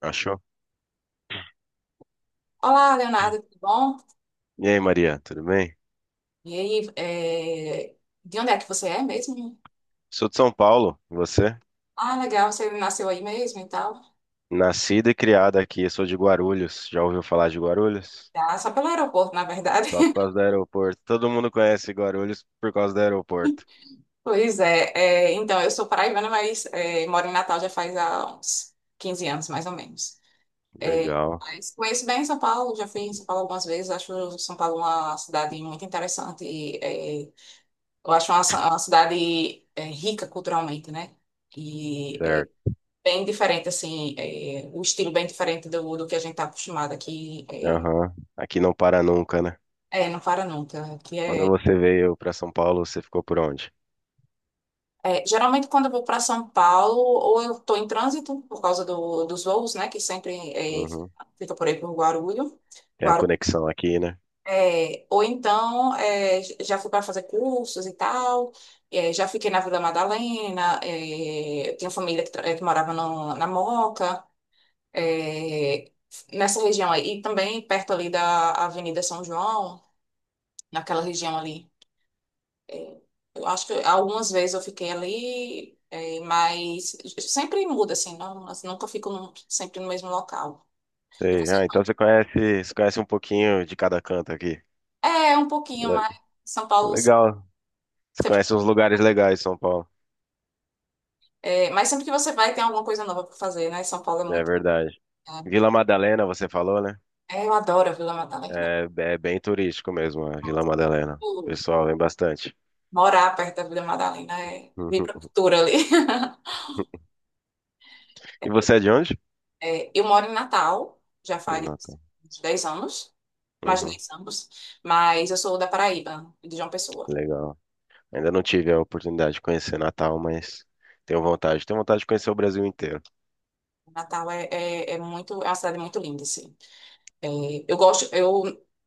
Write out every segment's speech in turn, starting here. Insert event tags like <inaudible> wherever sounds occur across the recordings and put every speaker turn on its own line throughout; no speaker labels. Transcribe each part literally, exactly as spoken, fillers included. Achou?
Olá, Leonardo, tudo bom?
E aí, Maria, tudo bem?
E aí, é, de onde é que você é mesmo?
Sou de São Paulo, e você?
Ah, legal, você nasceu aí mesmo e tal.
Nascida e criada aqui, sou de Guarulhos. Já ouviu falar de Guarulhos?
Ah, só pelo aeroporto, na verdade.
Só por causa do
<laughs>
aeroporto. Todo mundo conhece Guarulhos por causa do aeroporto.
Pois é, é, então, eu sou paraibana, mas é, moro em Natal já faz há uns quinze anos, mais ou menos. É,
Legal,
mas conheço bem São Paulo, já fui em São Paulo algumas vezes, acho São Paulo uma cidade muito interessante. E, é, eu acho uma, uma cidade é, rica culturalmente, né? E
certo.
bem diferente, assim, é, o estilo bem diferente do, do que a gente está acostumado aqui. É,
Aham. Aqui não para nunca, né?
é, não para nunca. Que
Quando
é,
você veio para São Paulo, você ficou por onde?
é, geralmente, quando eu vou para São Paulo, ou eu estou em trânsito, por causa do, dos voos, né, que sempre é,
Uhum.
fica por aí por Guarulhos.
Tem a
Guaru,
conexão aqui, né?
é, ou então, é, já fui para fazer cursos e tal. É, já fiquei na Vila Madalena, é, eu tinha família que, tra- que morava no- na Moca. é, Nessa região aí. E também perto ali da Avenida São João, naquela região ali. É, eu acho que algumas vezes eu fiquei ali, é, mas sempre muda, assim, não, assim, nunca fico no- sempre no mesmo local. E
Sei.
você?
Ah, então você conhece, você conhece um pouquinho de cada canto aqui.
É, um pouquinho,
Le-
mas São Paulo.
Legal. Você
sempre-
conhece uns lugares legais em São Paulo.
é, mas sempre que você vai, tem alguma coisa nova para fazer, né? São Paulo é
É
muito.
verdade. Vila Madalena, você falou, né?
É, é, eu adoro a Vila Madalena.
É, é bem turístico mesmo, a Vila Madalena. O
Uh,
pessoal vem bastante.
Morar perto da Vila Madalena é vir pra
Uhum.
cultura ali. <laughs>
E você é de onde?
É, eu moro em Natal, já
Falei,
faz
Natal.
uns dez anos, mais de
Uhum.
dez anos, mas eu sou da Paraíba, de João Pessoa.
Legal. Ainda não tive a oportunidade de conhecer Natal, mas tenho vontade. Tenho vontade de conhecer o Brasil inteiro.
Natal é, é, é muito, é uma cidade muito linda, assim. É, eu gosto, eu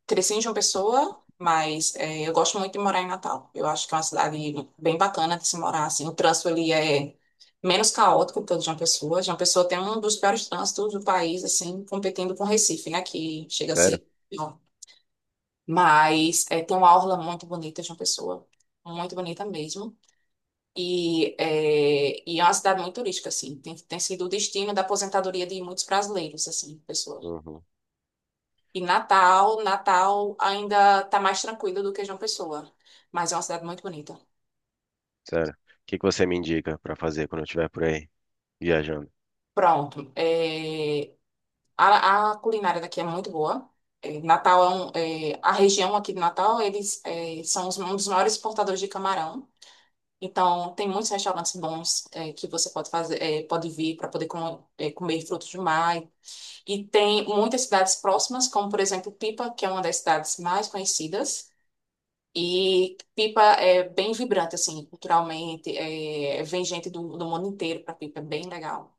cresci em João Pessoa, mas é, eu gosto muito de morar em Natal. Eu acho que é uma cidade bem bacana de se morar, assim. O trânsito ali é menos caótico que o de João Pessoa. João Pessoa tem um dos piores trânsitos do país, assim, competindo com Recife, né, que chega a
Sério?
ser. Mas é, tem uma orla muito bonita de uma pessoa, muito bonita mesmo. E é, e é uma cidade muito turística, assim. Tem, tem sido o destino da aposentadoria de muitos brasileiros, assim, pessoa.
Uhum.
E Natal, Natal ainda está mais tranquilo do que João Pessoa, mas é uma cidade muito bonita.
Sério. O que que você me indica pra fazer quando eu estiver por aí viajando?
Pronto. É, a, a culinária daqui é muito boa. É, Natal é, um, é, A região aqui de Natal, eles é, são os- um dos maiores exportadores de camarão. Então, tem muitos restaurantes bons é, que você pode fazer, é, pode vir para poder com- é, comer frutos do mar. E tem muitas cidades próximas, como por exemplo Pipa, que é uma das cidades mais conhecidas. E Pipa é bem vibrante, assim, culturalmente. É, vem gente do, do mundo inteiro para Pipa, é bem legal.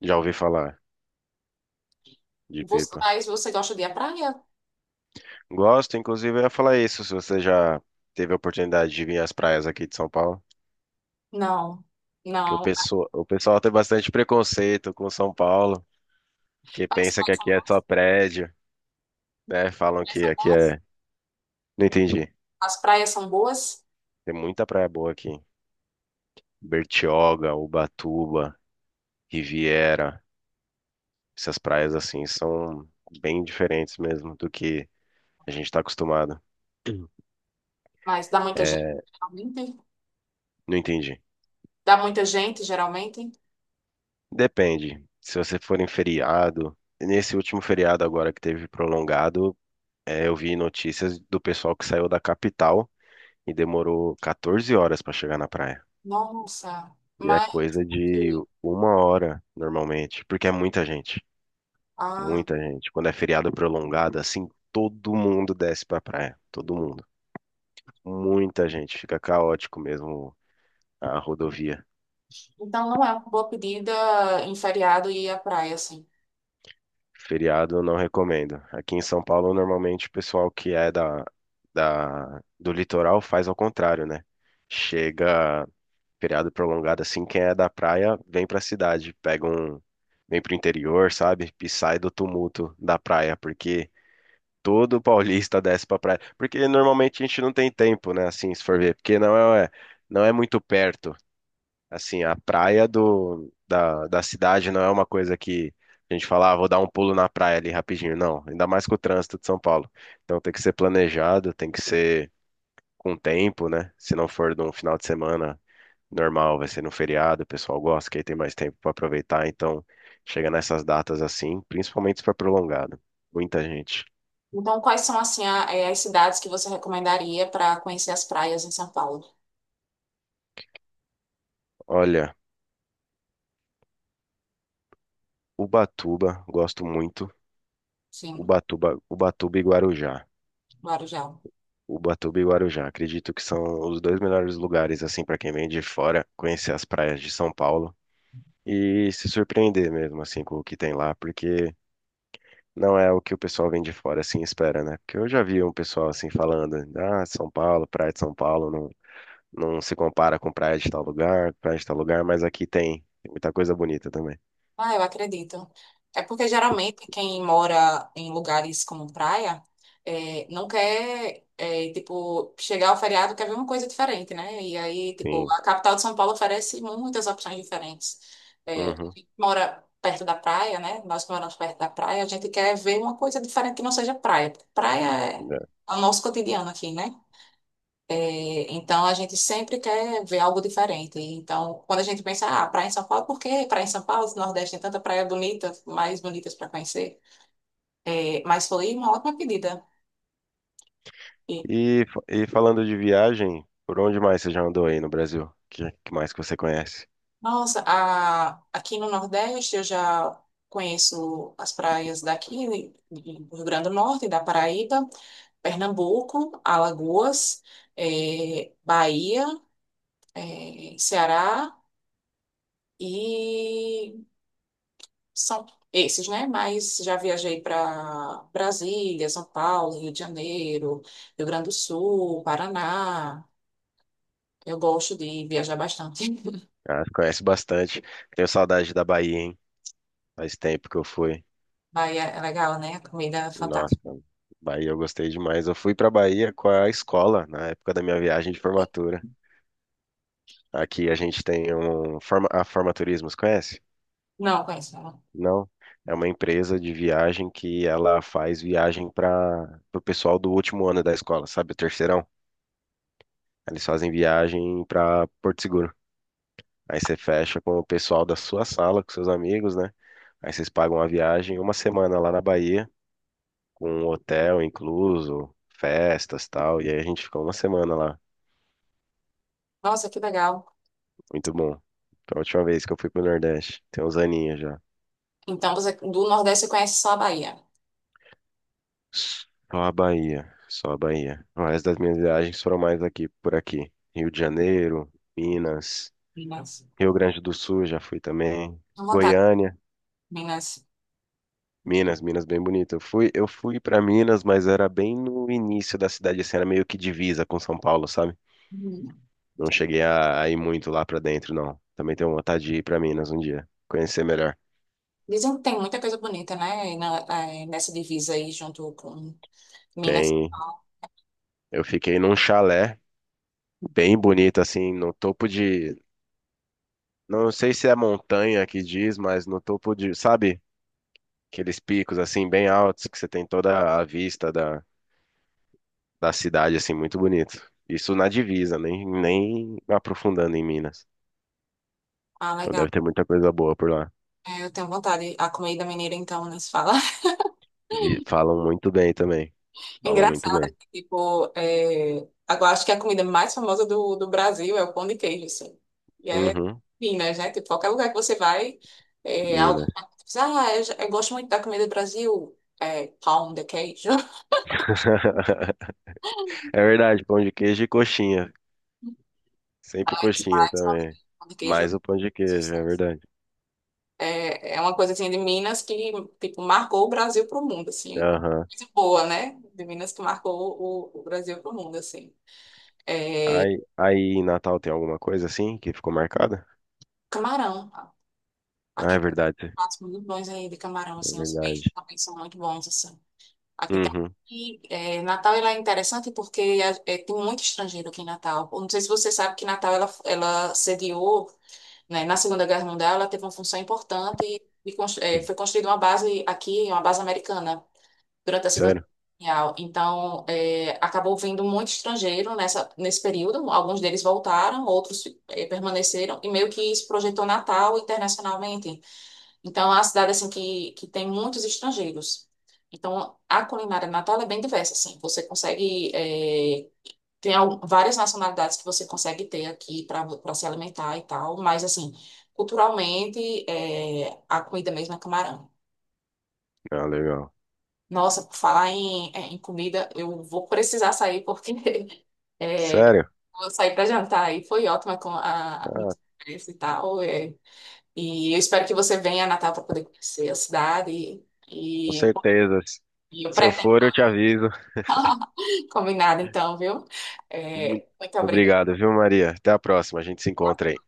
Já ouvi falar de
Você,
Pipa.
mas você gosta de ir à praia?
Gosto, inclusive, eu ia falar isso, se você já teve a oportunidade de vir às praias aqui de São Paulo.
Não,
Que o
não.
pessoal, o pessoal tem bastante preconceito com São Paulo, que
As
pensa que
praias são
aqui é só
boas,
prédio, né? Falam
praias
que
são
aqui
boas.
é. Não entendi.
As praias são boas,
Tem muita praia boa aqui. Bertioga, Ubatuba, Riviera. Essas praias assim são bem diferentes mesmo do que a gente está acostumado. <clears throat>
mas dá muita gente,
É,
geralmente.
não entendi.
Dá muita gente, geralmente.
Depende. Se você for em feriado, nesse último feriado agora que teve prolongado, é, eu vi notícias do pessoal que saiu da capital e demorou quatorze horas para chegar na praia.
Nossa,
E é
mas
coisa de uma hora normalmente, porque é muita gente,
ah,
muita gente. Quando é feriado prolongado, assim, todo mundo desce pra praia, todo mundo. Muita gente, fica caótico mesmo a rodovia.
então não é uma boa pedida em feriado ir à praia, assim.
Feriado eu não recomendo. Aqui em São Paulo, normalmente o pessoal que é da, da, do litoral faz ao contrário, né? Chega feriado prolongado assim, quem é da praia vem pra cidade, pega um, vem pro interior, sabe? E sai do tumulto da praia, porque todo paulista <laughs> desce pra praia. Porque normalmente a gente não tem tempo, né? Assim, se for ver, porque não é, é, não é muito perto. Assim, a praia do, da, da cidade não é uma coisa que a gente fala, ah, vou dar um pulo na praia ali rapidinho. Não, ainda mais com o trânsito de São Paulo. Então tem que ser planejado, tem que ser com tempo, né? Se não for de um final de semana normal, vai ser no feriado, o pessoal gosta, que aí tem mais tempo para aproveitar, então chega nessas datas assim, principalmente se for prolongado. Muita gente.
Então, quais são assim a- eh, as cidades que você recomendaria para conhecer as praias em São Paulo?
Olha, Ubatuba, gosto muito.
Sim,
Ubatuba, Ubatuba e Guarujá.
Guarujá.
Ubatuba e Guarujá, acredito que são os dois melhores lugares assim para quem vem de fora conhecer as praias de São Paulo e se surpreender mesmo assim com o que tem lá, porque não é o que o pessoal vem de fora assim espera, né? Porque eu já vi um pessoal assim falando, ah, São Paulo, praia de São Paulo, não se compara com praia de tal lugar, praia de tal lugar, mas aqui tem muita coisa bonita também.
Ah, eu acredito. É porque geralmente quem mora em lugares como praia é, não quer, é, tipo, chegar ao feriado quer ver uma coisa diferente, né? E aí, tipo,
Sim.
a capital de São Paulo oferece muitas opções diferentes. É,
Uhum.
quem mora perto da praia, né? Nós que moramos perto da praia, a gente quer ver uma coisa diferente que não seja praia. Praia é
É.
o nosso cotidiano aqui, né? Então, a gente sempre quer ver algo diferente. Então, quando a gente pensa, ah, praia em São Paulo, por que praia em São Paulo? No Nordeste tem tanta praia bonita, mais bonitas para conhecer. É, mas foi uma ótima pedida. E,
E, fa- e falando de viagem, por onde mais você já andou aí no Brasil? Que, que mais que você conhece?
nossa, a- Aqui no Nordeste eu já conheço as praias daqui, do Rio Grande do Norte, da Paraíba, Pernambuco, Alagoas, é, Bahia, é, Ceará. E são esses, né? Mas já viajei para Brasília, São Paulo, Rio de Janeiro, Rio Grande do Sul, Paraná. Eu gosto de viajar bastante.
Ah, conhece bastante. Tenho saudade da Bahia, hein? Faz tempo que eu fui.
<laughs> Bahia é legal, né? Comida é fantástica.
Nossa, Bahia eu gostei demais. Eu fui pra Bahia com a escola, na época da minha viagem de formatura. Aqui a gente tem um forma, a Formaturismo, você conhece?
Não, conheço. Não.
Não, é uma empresa de viagem que ela faz viagem para o pessoal do último ano da escola, sabe? O terceirão. Eles fazem viagem para Porto Seguro. Aí você fecha com o pessoal da sua sala, com seus amigos, né? Aí vocês pagam a viagem uma semana lá na Bahia, com um hotel incluso, festas e tal. E aí a gente ficou uma semana lá.
Nossa, que legal.
Muito bom. Foi a última vez que eu fui pro Nordeste. Tem uns aninhos já.
Então, você do Nordeste você conhece só a Bahia.
Só a Bahia, só a Bahia. O resto das minhas viagens foram mais aqui, por aqui. Rio de Janeiro, Minas,
Minas.
Rio Grande do Sul já fui também,
À vontade,
Goiânia,
Minas.
Minas, Minas bem bonito. Eu fui, eu fui para Minas, mas era bem no início da cidade, assim, era meio que divisa com São Paulo, sabe?
Uhum.
Não cheguei a, a ir muito lá pra dentro, não. Também tenho vontade de ir pra Minas um dia, conhecer melhor.
Dizem que tem muita coisa bonita, né? E na- eh, Nessa divisa aí, junto com Minas.
Tem, eu fiquei num chalé bem bonito, assim, no topo de não sei se é montanha que diz, mas no topo de, sabe? Aqueles picos assim bem altos que você tem toda a vista da, da cidade assim muito bonito. Isso na divisa, nem nem aprofundando em Minas.
Ah,
Então
legal.
deve ter muita coisa boa por lá.
É, eu tenho vontade. A comida mineira, então, não se fala.
E falam muito bem também. Falam muito
Engraçado, né?
bem.
tipo, é... agora acho que a comida mais famosa do, do Brasil é o pão de queijo, assim. E é
Uhum,
Minas, né? Tipo, qualquer lugar que você vai, é... alguém
Minas.
diz, ah, eu, já- eu gosto muito da comida do Brasil, é pão de queijo. <laughs>
<laughs> É verdade, pão de queijo e coxinha. Sempre
Mas,
coxinha
mas pão de
também.
queijo pão de queijo é
Mais o pão de queijo, é
sucesso.
verdade.
É- é uma coisa, assim, de Minas que, tipo, marcou o Brasil pro mundo, assim.
Aham.
Coisa boa, né? De Minas que marcou o, o Brasil pro mundo, assim.
Aí, aí em Natal tem alguma coisa assim que ficou marcada?
Camarão.
Ah, é
Aqui
verdade.
pratos muito bons aí de camarão,
É
assim, os
verdade.
peixes também são muito bons, assim. Aqui tem...
Uhum.
E é, Natal ela é interessante porque é, é, tem muito estrangeiro aqui em Natal. Eu não sei se você sabe que Natal ela, ela sediou, né, na Segunda Guerra Mundial, ela teve uma função importante e, e cons- é, foi construída uma base aqui, uma base americana, durante a Segunda Guerra
Sério?
Mundial. Então, é, acabou vindo muito estrangeiro nessa, nesse período. Alguns deles voltaram, outros é, permaneceram, e meio que isso projetou Natal internacionalmente. Então, é uma cidade assim que, que tem muitos estrangeiros. Então, a culinária de Natal é bem diversa, assim. Você consegue eh, tem al- Várias nacionalidades que você consegue ter aqui para para se alimentar e tal, mas assim, culturalmente eh, a comida mesmo é camarão.
Ah, legal.
Nossa, por falar em, eh, em comida, eu vou precisar sair porque <laughs> eh,
Sério?
vou sair para jantar e foi ótima com a
Ah,
conversa e tal. eh. E eu espero que você venha a Natal para poder conhecer a cidade.
com
E
certeza.
e o
Se eu
pré-
for, eu
<laughs>
te aviso.
Combinado, então, viu?
Muito
É, muito obrigada.
obrigado, viu, Maria? Até a próxima. A gente se encontra aí.